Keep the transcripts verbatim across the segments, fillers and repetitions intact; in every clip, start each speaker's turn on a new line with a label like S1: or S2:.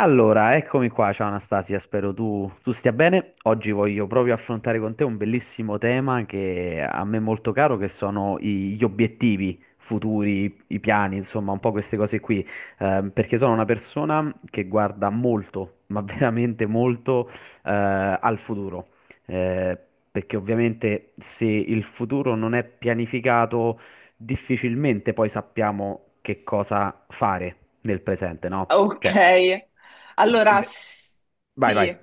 S1: Allora, eccomi qua, ciao Anastasia, spero tu, tu stia bene. Oggi voglio proprio affrontare con te un bellissimo tema che a me è molto caro, che sono i- gli obiettivi futuri, i piani, insomma, un po' queste cose qui. Eh, perché sono una persona che guarda molto, ma veramente molto, eh, al futuro. Eh, Perché ovviamente se il futuro non è pianificato, difficilmente poi sappiamo che cosa fare nel presente, no?
S2: Ok,
S1: Cioè,
S2: allora s-
S1: vai, vai.
S2: sì,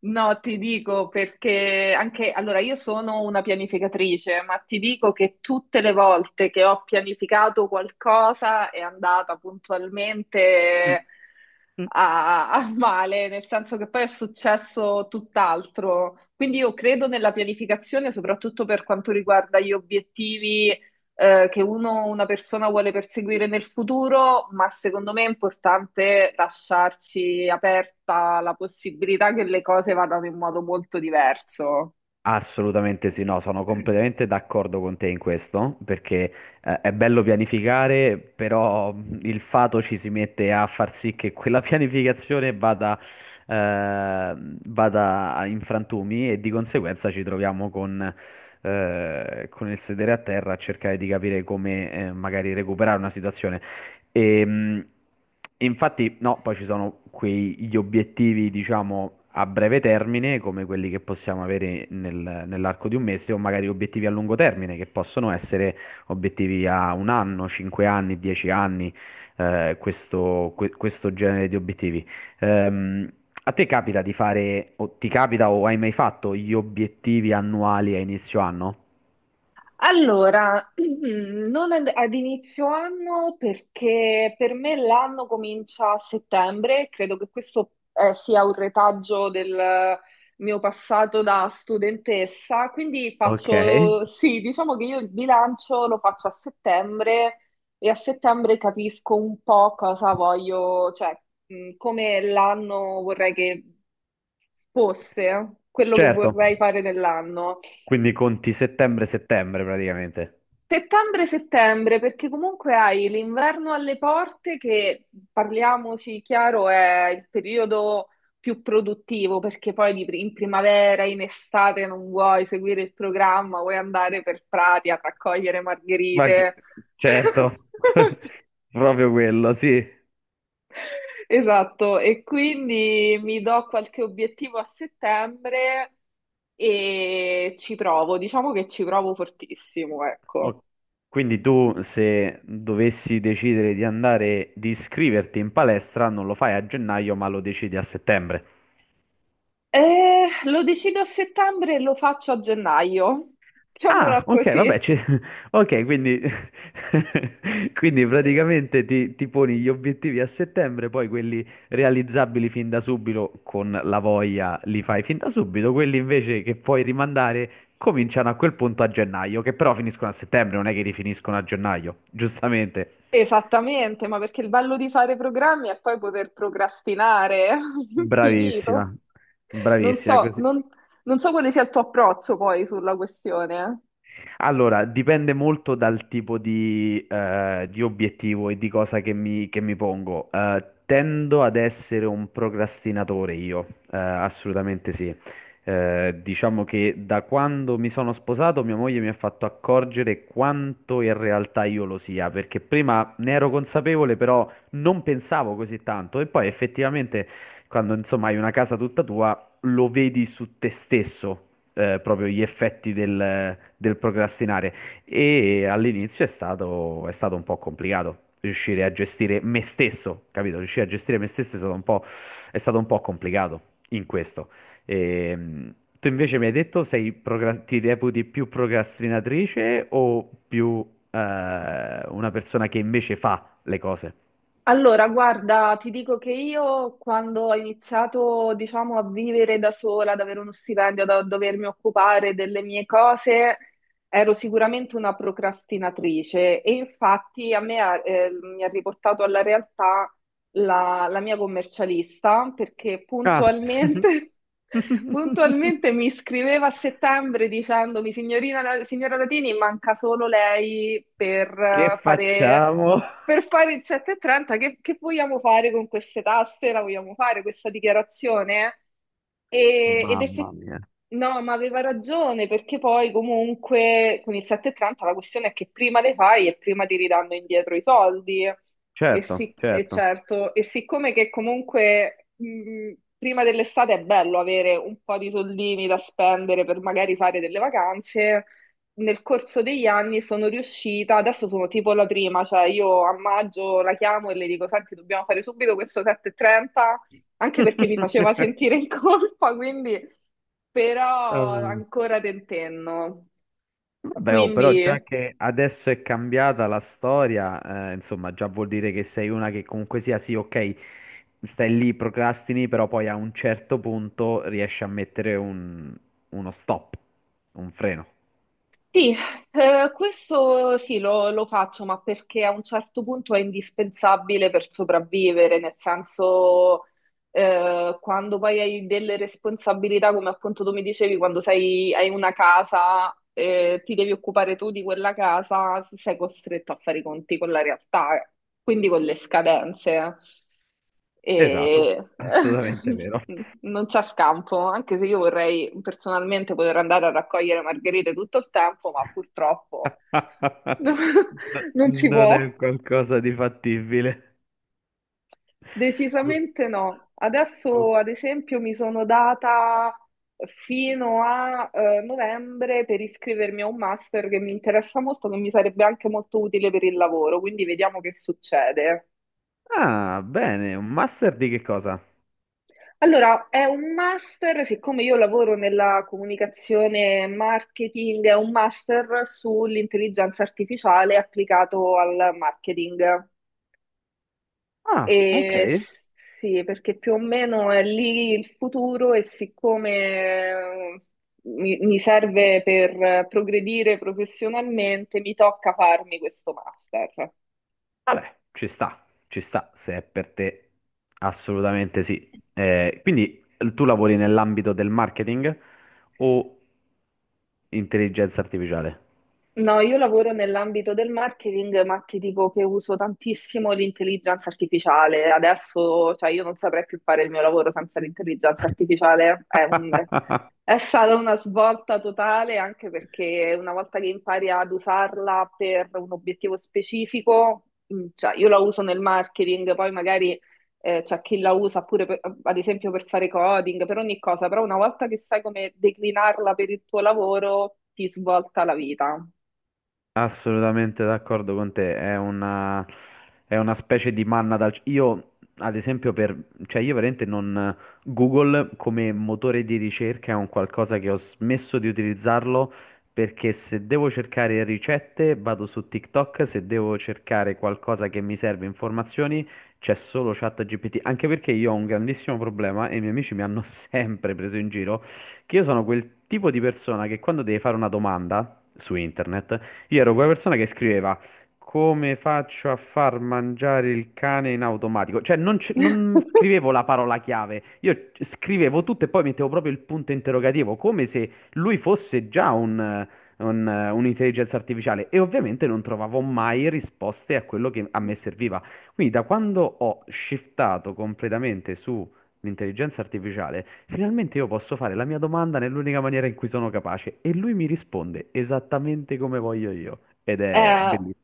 S2: no, ti dico perché anche, allora io sono una pianificatrice, ma ti dico che tutte le volte che ho pianificato qualcosa è andata
S1: Mm,
S2: puntualmente
S1: mm.
S2: a, a male, nel senso che poi è successo tutt'altro. Quindi io credo nella pianificazione, soprattutto per quanto riguarda gli obiettivi eh, che uno, una persona vuole perseguire nel futuro, ma secondo me è importante lasciarsi aperta la possibilità che le cose vadano in modo molto diverso.
S1: Assolutamente sì, no, sono completamente d'accordo con te in questo, perché eh, è bello pianificare, però mh, il fato ci si mette a far sì che quella pianificazione vada, eh, vada a- in frantumi e di conseguenza ci troviamo con, eh, con il sedere a terra a cercare di capire come eh, magari recuperare una situazione. E, mh, infatti, no, poi ci sono quei, gli obiettivi, diciamo, a breve termine, come quelli che possiamo avere nel- nell'arco di un mese, o magari obiettivi a lungo termine, che possono essere obiettivi a un anno, cinque anni, dieci anni, eh, questo, que- questo genere di obiettivi. Ehm, A te capita di fare, o ti capita o hai mai fatto gli obiettivi annuali a inizio anno?
S2: Allora, mm, non ad, ad inizio anno perché per me l'anno comincia a settembre, credo che questo eh, sia un retaggio del mio passato da studentessa, quindi
S1: Ok,
S2: faccio, sì, diciamo che io il bilancio lo faccio a settembre e a settembre capisco un po' cosa voglio, cioè mh, come l'anno vorrei che fosse, quello che
S1: certo.
S2: vorrei fare nell'anno.
S1: Quindi conti settembre-settembre praticamente.
S2: Settembre-settembre, perché comunque hai l'inverno alle porte che, parliamoci chiaro, è il periodo più produttivo, perché poi di pri- in primavera, in estate non vuoi seguire il programma, vuoi andare per prati a raccogliere
S1: Ma che-
S2: margherite.
S1: certo, proprio quello, sì.
S2: Esatto, e quindi mi do qualche obiettivo a settembre e ci provo, diciamo che ci provo fortissimo, ecco.
S1: O- Quindi tu se dovessi decidere di andare, di iscriverti in palestra, non lo fai a gennaio, ma lo decidi a settembre.
S2: Eh, lo decido a settembre e lo faccio a gennaio,
S1: Ah,
S2: diciamola
S1: ok, vabbè,
S2: così.
S1: ci- ok, quindi, quindi praticamente ti, ti poni gli obiettivi a settembre, poi quelli realizzabili fin da subito con la voglia li fai fin da subito, quelli invece che puoi rimandare cominciano a quel punto a gennaio, che però finiscono a settembre, non è che rifiniscono a gennaio, giustamente.
S2: Esattamente, ma perché il bello di fare programmi è poi poter procrastinare all'infinito.
S1: Bravissima,
S2: Non
S1: bravissima,
S2: so,
S1: così.
S2: non, non so quale sia il tuo approccio poi sulla questione.
S1: Allora, dipende molto dal tipo di, eh, di obiettivo e di cosa che mi, che mi pongo. Eh, tendo ad essere un procrastinatore io, eh, assolutamente sì. Eh, diciamo che da quando mi sono sposato, mia moglie mi ha fatto accorgere quanto in realtà io lo sia, perché prima ne ero consapevole, però non pensavo così tanto. E poi effettivamente, quando insomma hai una casa tutta tua, lo vedi su te stesso eh, proprio gli effetti del, del procrastinare. E all'inizio è stato, è stato un po' complicato riuscire a gestire me stesso, capito? Riuscire a gestire me stesso è stato un po', è stato un po' complicato in questo. Ehm, Tu invece mi hai detto sei procra- ti reputi più procrastinatrice o più eh, una persona che invece fa le cose?
S2: Allora, guarda, ti dico che io quando ho iniziato, diciamo, a vivere da sola, ad avere uno stipendio, da dovermi occupare delle mie cose, ero sicuramente una procrastinatrice e infatti a me ha- eh, mi ha riportato alla realtà la, la mia commercialista perché
S1: Ah,
S2: puntualmente, puntualmente mi scriveva a settembre dicendomi, signorina, signora Latini, manca solo lei per
S1: che
S2: eh, fare
S1: facciamo?
S2: per fare il sette e trenta, che, che vogliamo fare con queste tasse? La vogliamo fare questa dichiarazione? E- ed
S1: Mamma
S2: effettivamente,
S1: mia.
S2: no, ma aveva ragione, perché poi comunque con il sette e trenta la questione è che prima le fai e prima ti ridanno indietro i soldi. E
S1: Certo,
S2: sì, e
S1: certo.
S2: certo, e siccome che comunque mh, prima dell'estate è bello avere un po' di soldini da spendere per magari fare delle vacanze, nel corso degli anni sono riuscita, adesso sono tipo la prima, cioè io a maggio la chiamo e le dico, senti, dobbiamo fare subito questo sette e trenta, anche perché mi faceva sentire in colpa, quindi però
S1: Eh,
S2: ancora tentenno.
S1: Vabbè, oh, però
S2: Quindi
S1: già che adesso è cambiata la storia, eh, insomma, già vuol dire che sei una che comunque sia, sì, ok, stai lì, procrastini, però poi a un certo punto riesci a mettere un- uno stop, un freno.
S2: sì, eh, questo sì lo, lo faccio, ma perché a un certo punto è indispensabile per sopravvivere, nel senso eh, quando poi hai delle responsabilità, come appunto tu mi dicevi, quando sei, hai una casa, eh, ti devi occupare tu di quella casa, sei costretto a fare i conti con la realtà, quindi con le scadenze.
S1: Esatto,
S2: E
S1: assolutamente vero.
S2: non c'è scampo, anche se io vorrei personalmente poter andare a raccogliere margherite tutto il tempo, ma purtroppo
S1: No-
S2: non si
S1: Non
S2: può.
S1: è qualcosa di fattibile. Pur-
S2: Decisamente no.
S1: pur-
S2: Adesso, ad esempio, mi sono data fino a eh, novembre per iscrivermi a un master che mi interessa molto, che mi sarebbe anche molto utile per il lavoro, quindi vediamo che succede.
S1: Ah, bene, un master di che cosa?
S2: Allora, è un master, siccome io lavoro nella comunicazione e marketing, è un master sull'intelligenza artificiale applicato al marketing.
S1: Ah, ok.
S2: E sì, perché più o meno è lì il futuro e siccome eh, mi, mi serve per eh, progredire professionalmente, mi tocca farmi questo master.
S1: Vabbè, ci sta, ci sta, se è per te, assolutamente sì. Eh, quindi eh, tu lavori nell'ambito del marketing o intelligenza artificiale?
S2: No, io lavoro nell'ambito del marketing, ma ti dico che uso tantissimo l'intelligenza artificiale. Adesso, cioè, io non saprei più fare il mio lavoro senza l'intelligenza artificiale, è un, è stata una svolta totale anche perché una volta che impari ad usarla per un obiettivo specifico, mh, cioè io la uso nel marketing, poi magari eh, c'è chi la usa pure per- ad esempio per fare coding, per ogni cosa, però una volta che sai come declinarla per il tuo lavoro, ti svolta la vita.
S1: Assolutamente d'accordo con te, è una, è una specie di manna dal... Io, ad esempio, per... cioè io veramente non... Google come motore di ricerca è un qualcosa che ho smesso di utilizzarlo perché se devo cercare ricette vado su TikTok, se devo cercare qualcosa che mi serve informazioni c'è solo ChatGPT, anche perché io ho un grandissimo problema e i miei amici mi hanno sempre preso in giro, che io sono quel tipo di persona che quando deve fare una domanda su internet, io ero quella persona che scriveva come faccio a far mangiare il cane in automatico. Cioè, non, c- non scrivevo la parola chiave, io c- scrivevo tutto e poi mettevo proprio il punto interrogativo, come se lui fosse già un, eh, un, eh, un'intelligenza artificiale. E ovviamente non trovavo mai risposte a quello che a me serviva. Quindi, da quando ho shiftato completamente su l'intelligenza artificiale, finalmente io posso fare la mia domanda nell'unica maniera in cui sono capace e lui mi risponde esattamente come voglio io. Ed è
S2: Eh,
S1: bellissimo.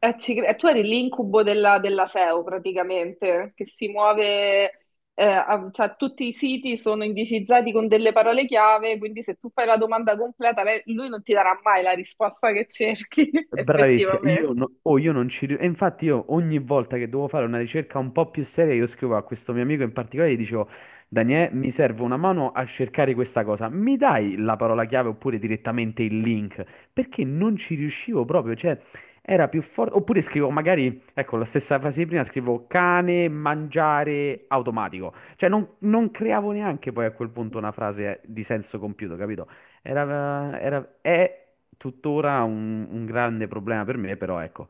S2: Eh, ci cre- eh, tu eri l'incubo della, della S E O praticamente, che si muove, eh, a- cioè tutti i siti sono indicizzati con delle parole chiave, quindi se tu fai la domanda completa, lei- lui non ti darà mai la risposta che cerchi,
S1: Bravissima,
S2: effettivamente.
S1: io, no- oh, io non ci riuscivo. E infatti io ogni volta che dovevo fare una ricerca un po' più seria, io scrivo a questo mio amico in particolare, e gli dicevo, Daniele, mi serve una mano a cercare questa cosa, mi dai la parola chiave oppure direttamente il link? Perché non ci riuscivo proprio, cioè era più forte. Oppure scrivo magari, ecco, la stessa frase di prima, scrivo cane, mangiare, automatico. Cioè non, non creavo neanche poi a quel punto una frase di senso compiuto, capito? Era, era, è tuttora un, un grande problema per me, però ecco,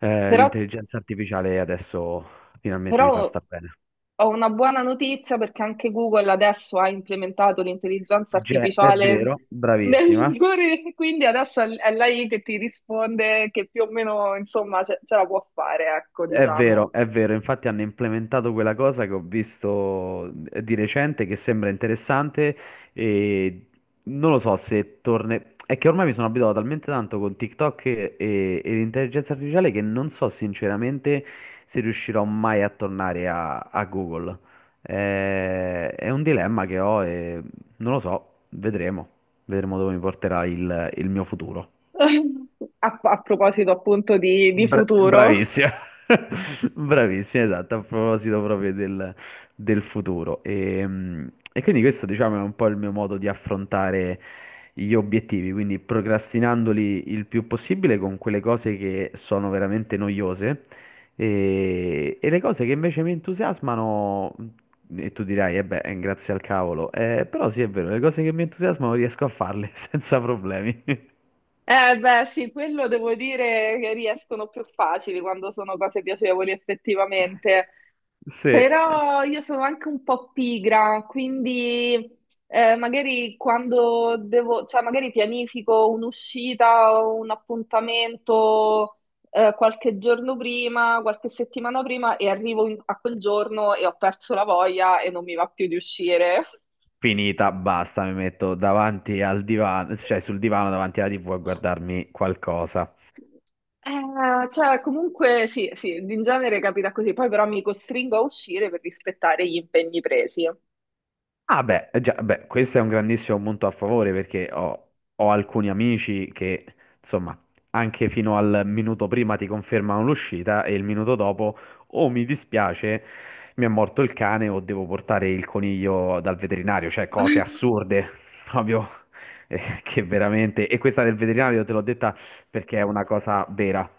S1: eh,
S2: Però,
S1: l'intelligenza artificiale adesso finalmente mi fa
S2: Però
S1: star bene.
S2: ho una buona notizia perché anche Google adesso ha implementato l'intelligenza
S1: Ge- è
S2: artificiale
S1: vero,
S2: nel
S1: bravissima.
S2: motori, quindi adesso è è lei che ti risponde, che più o meno, insomma, ce, ce la può fare, ecco,
S1: È vero,
S2: diciamo.
S1: è vero, infatti hanno implementato quella cosa che ho visto eh, di recente che sembra interessante e non lo so se torne... È che ormai mi sono abituato talmente tanto con TikTok e, e- e l'intelligenza artificiale che non so sinceramente se riuscirò mai a tornare a, a Google. Eh, È un dilemma che ho e non lo so, vedremo, vedremo dove mi porterà il il mio futuro.
S2: A, a proposito appunto di, di
S1: Bra-
S2: futuro,
S1: bravissima, bravissima, esatto, a proposito proprio del, del futuro. E, mh, e quindi questo, diciamo, è un po' il mio modo di affrontare gli obiettivi, quindi procrastinandoli il più possibile con quelle cose che sono veramente noiose e, e le cose che invece mi entusiasmano, e tu dirai, eh beh, grazie al cavolo. Eh, però sì, è vero, le cose che mi entusiasmano riesco a farle senza problemi.
S2: eh beh, sì, quello devo dire che riescono più facili quando sono cose piacevoli effettivamente,
S1: Sì,
S2: però io sono anche un po' pigra, quindi eh, magari quando devo, cioè magari pianifico un'uscita o un appuntamento eh, qualche giorno prima, qualche settimana prima e arrivo in- a quel giorno e ho perso la voglia e non mi va più di uscire.
S1: finita, basta, mi metto davanti al divano, cioè sul divano davanti alla T V a guardarmi qualcosa.
S2: Eh, cioè, comunque sì, sì, in genere capita così, poi però mi costringo a uscire per rispettare gli impegni presi.
S1: Ah beh, eh già, beh, questo è un grandissimo punto a favore perché ho, ho alcuni amici che, insomma, anche fino al minuto prima ti confermano l'uscita e il minuto dopo o mi dispiace, mi è morto il cane o devo portare il coniglio dal veterinario, cioè cose assurde, proprio, eh, che veramente... E questa del veterinario te l'ho detta perché è una cosa vera.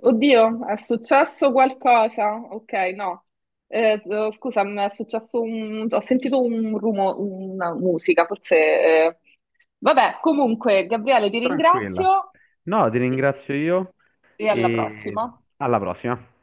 S2: Oddio, è successo qualcosa? Ok, no. Eh, eh, scusa, mi è successo un... ho sentito un rumore, una musica, forse... eh. Vabbè, comunque, Gabriele, ti
S1: Tranquilla.
S2: ringrazio
S1: No, ti
S2: e
S1: ringrazio io
S2: e alla
S1: e
S2: prossima.
S1: alla prossima.